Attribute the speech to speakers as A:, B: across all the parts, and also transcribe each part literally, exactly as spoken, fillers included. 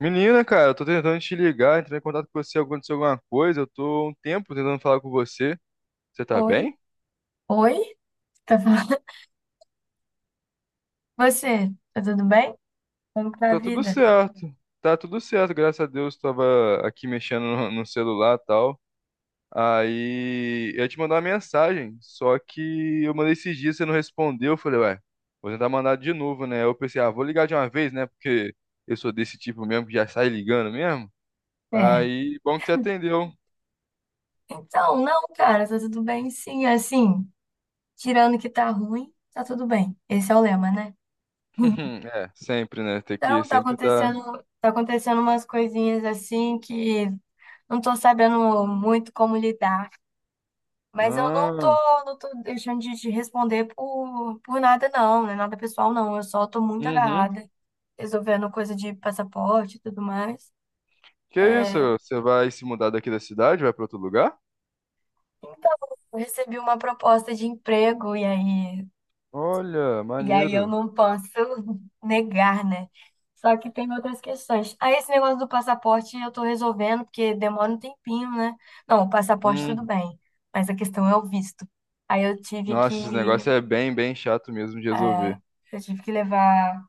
A: Menina, cara, eu tô tentando te ligar, entrar em contato com você, aconteceu alguma coisa, eu tô há um tempo tentando falar com você. Você tá
B: Oi,
A: bem?
B: oi, tá falando? Você, tá tudo bem? Como que tá a
A: Tá tudo
B: vida?
A: certo. Tá tudo certo, graças a Deus, tava aqui mexendo no, no celular e tal. Aí eu ia te mandar uma mensagem, só que eu mandei esses dias, você não respondeu. Eu falei, ué, vou tentar mandar de novo, né? Eu pensei, ah, vou ligar de uma vez, né? Porque eu sou desse tipo mesmo que já sai ligando mesmo.
B: É.
A: Aí, bom que você atendeu.
B: Então, não, cara, tá tudo bem sim, assim, tirando que tá ruim, tá tudo bem. Esse é o lema, né?
A: É, sempre, né? Tem que
B: Então, tá
A: sempre dar.
B: acontecendo, tá acontecendo umas coisinhas assim que não tô sabendo muito como lidar, mas eu não tô,
A: Ah.
B: não tô deixando de te responder por, por nada não, não é nada pessoal não, eu só tô muito
A: Uhum.
B: agarrada, resolvendo coisa de passaporte e tudo mais.
A: Que isso?
B: É.
A: Você vai se mudar daqui da cidade? Vai pra outro lugar?
B: Então, eu recebi uma proposta de emprego e aí,
A: Olha,
B: e aí eu
A: maneiro.
B: não posso negar, né? Só que tem outras questões. Aí esse negócio do passaporte eu tô resolvendo, porque demora um tempinho, né? Não, o passaporte tudo
A: Hum.
B: bem, mas a questão é o visto. Aí eu tive
A: Nossa, esse
B: que,
A: negócio é bem, bem chato mesmo de
B: eh,
A: resolver.
B: eu tive que levar,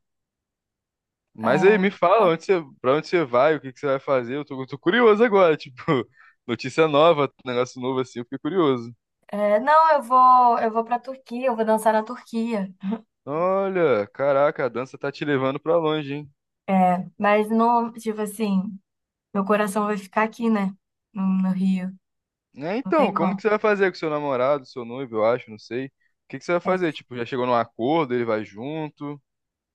A: Mas aí, me
B: eh,
A: fala, onde você, pra onde você vai? O que que você vai fazer? Eu tô, eu tô curioso agora, tipo, notícia nova, negócio novo assim, eu fiquei curioso.
B: eh, não, eu vou, eu vou pra Turquia, eu vou dançar na Turquia.
A: Olha, caraca, a dança tá te levando pra longe, hein?
B: É, mas não, tipo assim, meu coração vai ficar aqui, né? No, no Rio,
A: É,
B: não tem
A: então, como que
B: como.
A: você vai fazer com seu namorado, seu noivo, eu acho, não sei. O que que você vai
B: É.
A: fazer? Tipo, já chegou num acordo, ele vai junto?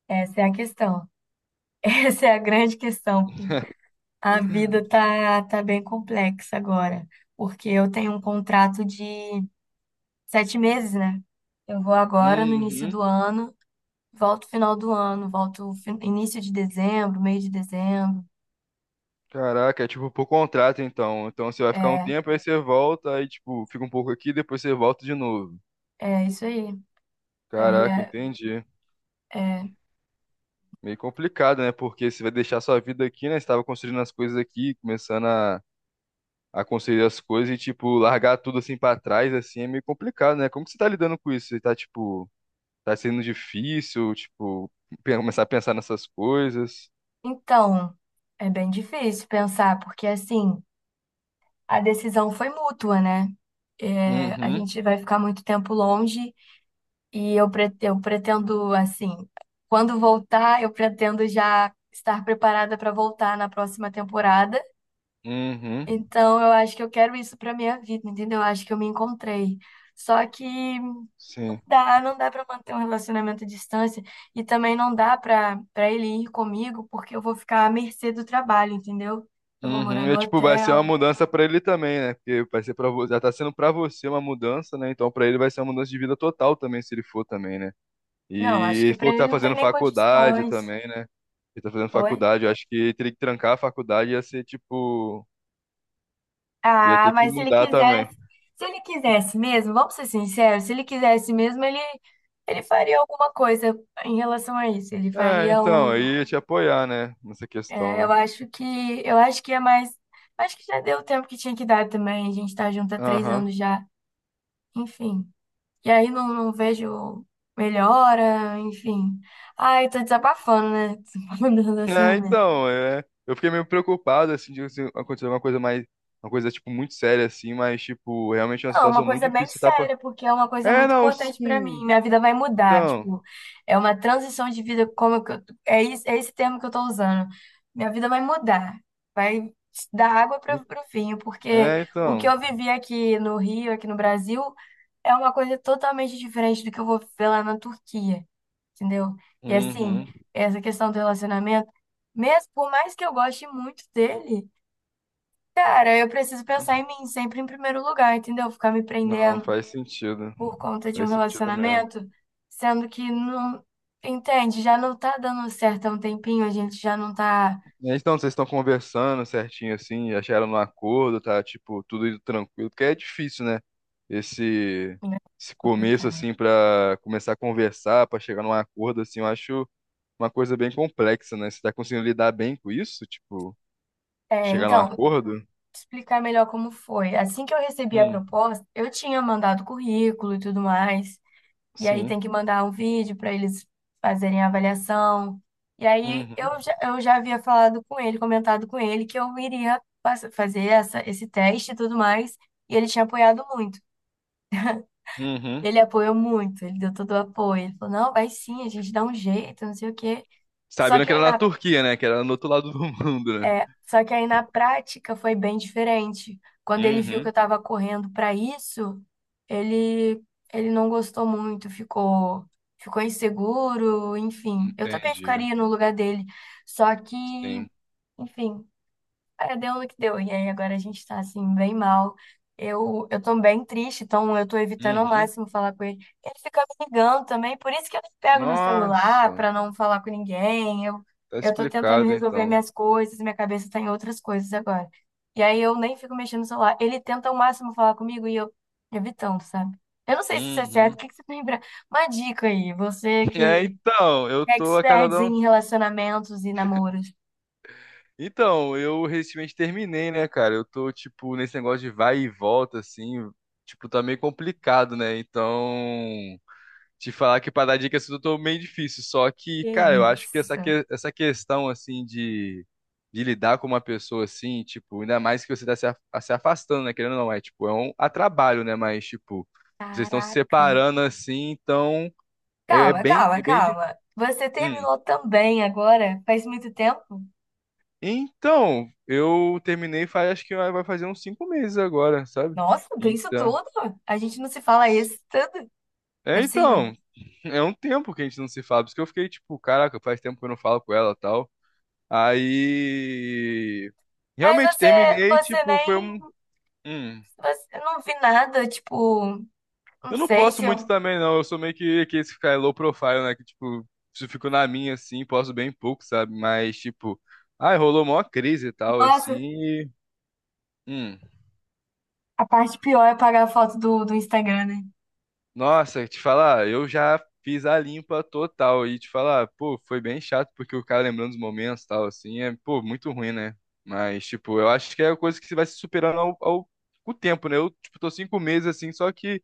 B: Essa é a questão. Essa é a grande questão, pô. A vida tá, tá bem complexa agora, porque eu tenho um contrato de sete meses, né? Eu vou agora no início
A: Uhum.
B: do ano, volto final do ano, volto fin- início de dezembro, meio de dezembro.
A: Caraca, é tipo por contrato então. Então você vai ficar um
B: É,
A: tempo, aí você volta, aí tipo, fica um pouco aqui, depois você volta de novo.
B: é isso aí. É,
A: Caraca,
B: é,
A: entendi.
B: é.
A: Meio complicado, né? Porque você vai deixar sua vida aqui, né? Você tava construindo as coisas aqui, começando a, a construir as coisas e, tipo, largar tudo assim pra trás, assim, é meio complicado, né? Como que você tá lidando com isso? Você tá, tipo, tá sendo difícil, tipo, pe- começar a pensar nessas coisas?
B: Então, é bem difícil pensar, porque assim, a decisão foi mútua, né? É, a
A: Uhum,
B: gente vai ficar muito tempo longe. E eu, pre- eu pretendo, assim, quando voltar, eu pretendo já estar preparada para voltar na próxima temporada.
A: uhum,
B: Então, eu acho que eu quero isso para minha vida, entendeu? Eu acho que eu me encontrei. Só que
A: sim.
B: dá, não dá para manter um relacionamento à distância e também não dá para para ele ir comigo, porque eu vou ficar à mercê do trabalho, entendeu? Eu vou morar
A: Uhum,
B: no
A: e tipo, vai ser uma
B: hotel.
A: mudança pra ele também, né? Porque vai ser para você, já tá sendo pra você uma mudança, né? Então pra ele vai ser uma mudança de vida total também, se ele for também, né?
B: Não, acho
A: E ele
B: que para
A: falou que
B: ele
A: tá
B: não tem
A: fazendo
B: nem
A: faculdade
B: condições.
A: também, né? Ele tá fazendo
B: Oi?
A: faculdade, eu acho que teria que trancar a faculdade ia ser tipo, ia
B: Ah,
A: ter que
B: mas se ele
A: mudar também.
B: quisesse, se ele quisesse mesmo, vamos ser sinceros, se ele quisesse mesmo, ele, ele faria alguma coisa em relação a isso. Ele
A: É,
B: faria
A: então, eu
B: um,
A: ia te apoiar, né, nessa
B: é,
A: questão,
B: eu
A: né?
B: acho que, eu acho que é mais, acho que já deu o tempo que tinha que dar também. A gente tá junto há três
A: Aham.
B: anos já, enfim. E aí não, não vejo melhora, enfim. Ai, tô desabafando, né? Desabafando
A: É,
B: essa.
A: então, é, eu fiquei meio preocupado assim de assim, acontecer alguma coisa mais uma coisa tipo muito séria assim, mas tipo, realmente é uma
B: Não, é uma
A: situação muito
B: coisa bem
A: difícil, tá.
B: séria, porque é uma coisa
A: É,
B: muito
A: não,
B: importante pra mim.
A: sim.
B: Minha vida vai mudar,
A: Então.
B: tipo, é uma transição de vida, como que eu- é esse, é esse termo que eu tô usando. Minha vida vai mudar, vai dar água para o vinho, porque
A: É,
B: o que
A: então.
B: eu vivi aqui no Rio, aqui no Brasil, é uma coisa totalmente diferente do que eu vou ver lá na Turquia, entendeu? E assim,
A: Uhum.
B: essa questão do relacionamento, mesmo por mais que eu goste muito dele, cara, eu preciso pensar em mim sempre em primeiro lugar, entendeu? Ficar me
A: Não,
B: prendendo
A: faz sentido.
B: por conta de um
A: Faz sentido mesmo.
B: relacionamento, sendo que não, entende, já não tá dando certo há um tempinho, a gente já não tá.
A: É, então, vocês estão conversando certinho assim, já chegaram no acordo, tá? Tipo, tudo indo tranquilo, porque é difícil, né? Esse, esse começo
B: Complicado.
A: assim pra começar a conversar, pra chegar num acordo assim, eu acho uma coisa bem complexa, né? Você tá conseguindo lidar bem com isso? Tipo,
B: É,
A: chegar num
B: então,
A: acordo?
B: explicar melhor como foi. Assim que eu recebi a
A: Hum,
B: proposta, eu tinha mandado currículo e tudo mais, e aí
A: sim.
B: tem que mandar um vídeo para eles fazerem a avaliação. E aí
A: Uhum,
B: eu já, eu já havia falado com ele, comentado com ele que eu iria pass- fazer essa, esse teste e tudo mais, e ele tinha apoiado muito.
A: uhum.
B: Ele apoiou muito, ele deu todo o apoio. Ele falou, não, vai sim, a gente dá um jeito, não sei o quê. Só
A: Sabendo
B: que
A: que era
B: aí
A: na
B: na,
A: Turquia, né? Que era no outro lado do mundo, né?
B: é, só que aí na prática foi bem diferente. Quando ele viu que eu
A: Uhum,
B: tava correndo para isso, ele, ele não gostou muito, ficou, ficou inseguro, enfim. Eu também
A: entendi.
B: ficaria no lugar dele. Só que,
A: Sim.
B: enfim, é, deu no que deu. E aí agora a gente tá assim, bem mal. Eu, eu tô bem triste, então eu tô evitando ao
A: Uhum.
B: máximo falar com ele. Ele fica me ligando também, por isso que eu pego no celular
A: Nossa,
B: pra não falar com ninguém. Eu,
A: tá
B: eu tô tentando
A: explicado
B: resolver
A: então.
B: minhas coisas, minha cabeça tá em outras coisas agora. E aí eu nem fico mexendo no celular. Ele tenta ao máximo falar comigo e eu evitando, sabe? Eu não sei se isso é certo, o
A: Uhum.
B: que que você lembra? Uma dica aí, você
A: É,
B: que
A: então, eu
B: é
A: tô a
B: expert
A: cada um.
B: em relacionamentos e namoros.
A: Então, eu recentemente terminei, né, cara? Eu tô, tipo, nesse negócio de vai e volta, assim, tipo, tá meio complicado, né? Então. Te falar que para dar dicas tudo eu tô meio difícil, só que,
B: Que
A: cara, eu acho que essa,
B: isso?
A: que- essa questão, assim, de, de lidar com uma pessoa, assim, tipo, ainda mais que você tá se, af- se afastando, né, querendo ou não, é, tipo, é um a trabalho, né, mas, tipo, vocês estão se
B: Caraca.
A: separando, assim, então, é, é
B: Calma,
A: bem,
B: calma,
A: é bem de...
B: calma. Você
A: Hum.
B: terminou também agora? Faz muito tempo?
A: Então, eu terminei faz, acho que vai vai fazer uns cinco meses agora, sabe?
B: Nossa, tem isso
A: Então...
B: tudo? A gente não se fala isso tudo? Não é
A: É,
B: possível?
A: então, é um tempo que a gente não se fala, porque eu fiquei, tipo, caraca, faz tempo que eu não falo com ela, e tal. Aí.
B: Mas
A: Realmente
B: você,
A: terminei,
B: você
A: tipo,
B: nem,
A: foi um. Hum.
B: você, eu não vi nada, tipo, não
A: Eu não
B: sei
A: posso
B: se
A: muito
B: eu...
A: também, não. Eu sou meio que, que esse cara low profile, né? Que, tipo, se eu fico na minha, assim, posso bem pouco, sabe? Mas, tipo, ai, rolou mó crise e tal, assim.
B: Nossa,
A: E, hum,
B: a parte pior é apagar a foto do, do Instagram, né?
A: nossa, te falar, eu já fiz a limpa total. E te falar, pô, foi bem chato, porque o cara lembrando dos momentos e tal, assim, é, pô, muito ruim, né? Mas, tipo, eu acho que é a coisa que você vai se superando ao, ao, com o tempo, né? Eu, tipo, tô cinco meses assim, só que.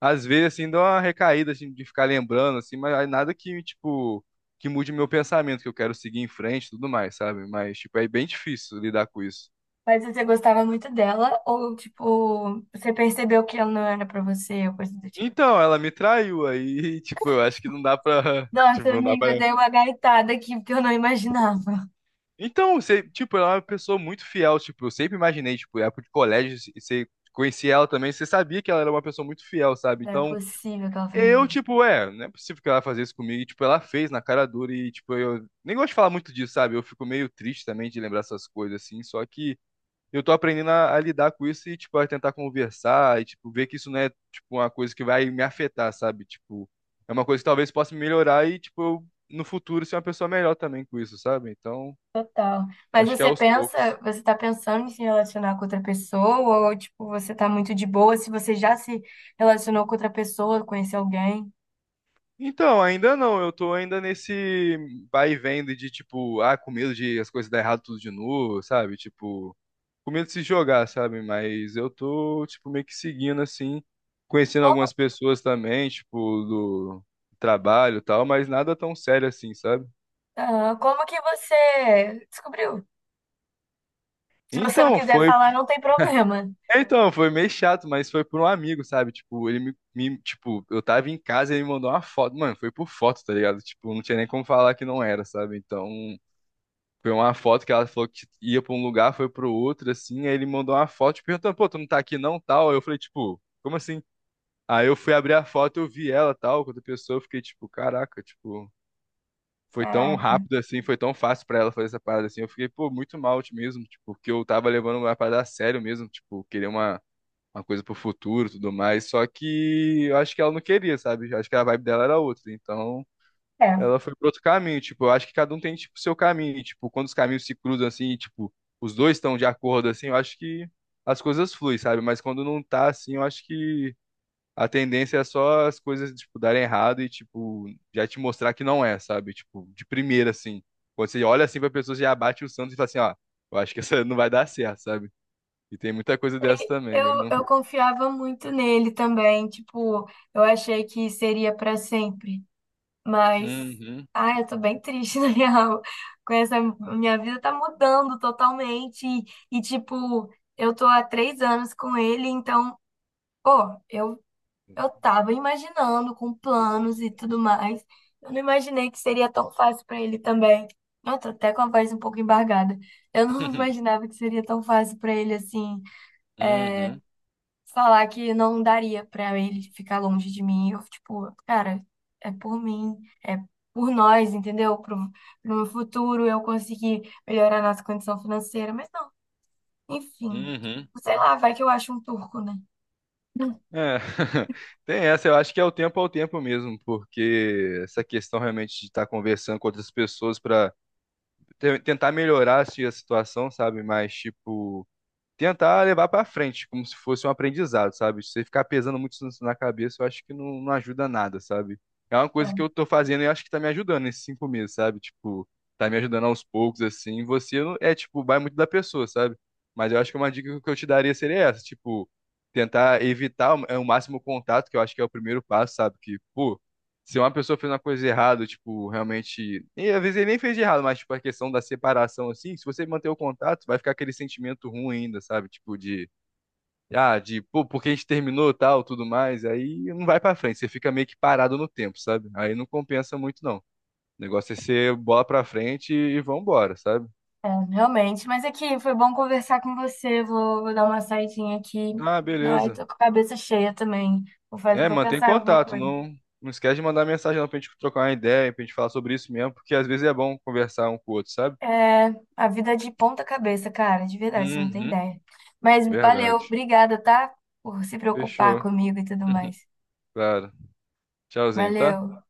A: Às vezes, assim, dá uma recaída, assim, de ficar lembrando, assim, mas aí nada que, tipo, que mude meu pensamento, que eu quero seguir em frente e tudo mais, sabe? Mas, tipo, é bem difícil lidar com isso.
B: Mas você gostava muito dela ou, tipo, você percebeu que ela não era pra você ou coisa do tipo?
A: Então, ela me traiu aí, tipo, eu acho que não dá pra, tipo,
B: Nossa,
A: não dá
B: amiga,
A: pra...
B: eu dei uma gaitada aqui porque eu não imaginava.
A: Então, você, tipo, ela é uma pessoa muito fiel, tipo, eu sempre imaginei, tipo, época de colégio, você conhecia ela também, você sabia que ela era uma pessoa muito fiel, sabe?
B: Não é
A: Então,
B: possível que ela
A: eu,
B: fez isso.
A: tipo, é, não é possível que ela fazer isso comigo. E, tipo, ela fez na cara dura e, tipo, eu nem gosto de falar muito disso, sabe? Eu fico meio triste também de lembrar essas coisas, assim. Só que eu tô aprendendo a, a lidar com isso e, tipo, a tentar conversar e, tipo, ver que isso não é, tipo, uma coisa que vai me afetar, sabe? Tipo, é uma coisa que talvez possa me melhorar e, tipo, eu, no futuro ser uma pessoa melhor também com isso, sabe? Então,
B: Total. Mas
A: acho que é
B: você
A: aos
B: pensa,
A: poucos.
B: você tá pensando em se relacionar com outra pessoa ou tipo, você tá muito de boa se você já se relacionou com outra pessoa, conheceu alguém?
A: Então, ainda não, eu tô ainda nesse vai e vem de, tipo, ah, com medo de as coisas dar errado tudo de novo, sabe? Tipo. Com medo de se jogar, sabe? Mas eu tô, tipo, meio que seguindo, assim, conhecendo algumas
B: Como,
A: pessoas também, tipo, do trabalho e tal, mas nada tão sério assim, sabe?
B: ah, como que você descobriu? Se você não
A: Então,
B: quiser
A: foi,
B: falar, não tem problema.
A: então, foi meio chato, mas foi por um amigo, sabe? Tipo, ele me, me- tipo, eu tava em casa e ele me mandou uma foto, mano, foi por foto, tá ligado? Tipo, não tinha nem como falar que não era, sabe? Então, foi uma foto que ela falou que ia pra um lugar, foi pro outro, assim, aí ele mandou uma foto, tipo, perguntando, pô, tu não tá aqui não, tal? Aí eu falei, tipo, como assim? Aí eu fui abrir a foto, eu vi ela, tal, quando a pessoa, eu fiquei tipo, caraca, tipo, foi tão
B: Caraca.
A: rápido assim, foi tão fácil pra ela fazer essa parada assim. Eu fiquei, pô, muito mal mesmo, tipo, porque eu tava levando uma parada a sério mesmo, tipo, querer uma, uma coisa pro futuro, e tudo mais. Só que eu acho que ela não queria, sabe? Eu acho que a vibe dela era outra. Então,
B: É.
A: ela foi pro outro caminho, tipo, eu acho que cada um tem tipo seu caminho, e, tipo, quando os caminhos se cruzam assim, e, tipo, os dois estão de acordo assim, eu acho que as coisas fluem, sabe? Mas quando não tá assim, eu acho que a tendência é só as coisas, tipo, darem errado e, tipo, já te mostrar que não é, sabe? Tipo, de primeira, assim. Quando você olha assim pra pessoa, já bate o santo e fala assim, ó, eu acho que essa não vai dar certo, sabe? E tem muita coisa dessa também, eu
B: Eu,
A: não...
B: eu confiava muito nele também, tipo, eu achei que seria pra sempre. Mas,
A: Uhum.
B: ai, eu tô bem triste, na real. Com essa, minha vida tá mudando totalmente. E, e, tipo, eu tô há três anos com ele, então, pô, eu, eu tava imaginando com planos e tudo mais. Eu não imaginei que seria tão fácil pra ele também. Eu tô até com a voz um pouco embargada. Eu não imaginava que seria tão fácil pra ele assim
A: Uhum.
B: falar que não daria pra ele ficar longe de mim. Eu, tipo, cara, é por mim, é por nós, entendeu? Pro, pro meu futuro eu conseguir melhorar a nossa condição financeira, mas não, enfim.
A: Uhum.
B: Sei lá, vai que eu acho um turco, né?
A: É, tem essa, eu acho que é o tempo ao tempo mesmo, porque essa questão realmente de estar conversando com outras pessoas para tentar melhorar assim, a situação, sabe? Mas, tipo, tentar levar pra frente, como se fosse um aprendizado, sabe? Se você ficar pesando muito isso na cabeça, eu acho que não, não ajuda nada, sabe? É uma
B: É,
A: coisa que eu tô fazendo e eu acho que tá me ajudando nesses cinco meses, sabe? Tipo, tá me ajudando aos poucos, assim. Você não, é, tipo, vai muito da pessoa, sabe? Mas eu acho que uma dica que eu te daria seria essa, tipo, tentar evitar o, é, o máximo contato, que eu acho que é o primeiro passo, sabe? Que, pô, se uma pessoa fez uma coisa errada, tipo, realmente. E às vezes ele nem fez de errado, mas, tipo, a questão da separação, assim, se você manter o contato, vai ficar aquele sentimento ruim ainda, sabe? Tipo, de. Ah, de, pô, porque a gente terminou tal, tudo mais. Aí não vai pra frente, você fica meio que parado no tempo, sabe? Aí não compensa muito, não. O negócio é ser bola pra frente e vambora, sabe?
B: é, realmente, mas aqui foi bom conversar com você. Vou, vou dar uma saidinha aqui.
A: Ah,
B: Ai,
A: beleza.
B: tô com a cabeça cheia também. Vou fazer,
A: É,
B: vou
A: mantém
B: pensar em alguma
A: contato,
B: coisa.
A: não. Não esquece de mandar mensagem não, pra gente trocar uma ideia, pra gente falar sobre isso mesmo, porque às vezes é bom conversar um com o outro, sabe?
B: É, a vida é de ponta cabeça, cara, de verdade, você não tem
A: Uhum,
B: ideia. Mas valeu,
A: verdade.
B: obrigada, tá? Por se preocupar
A: Fechou.
B: comigo e tudo mais.
A: Claro. Tchauzinho, tá?
B: Valeu.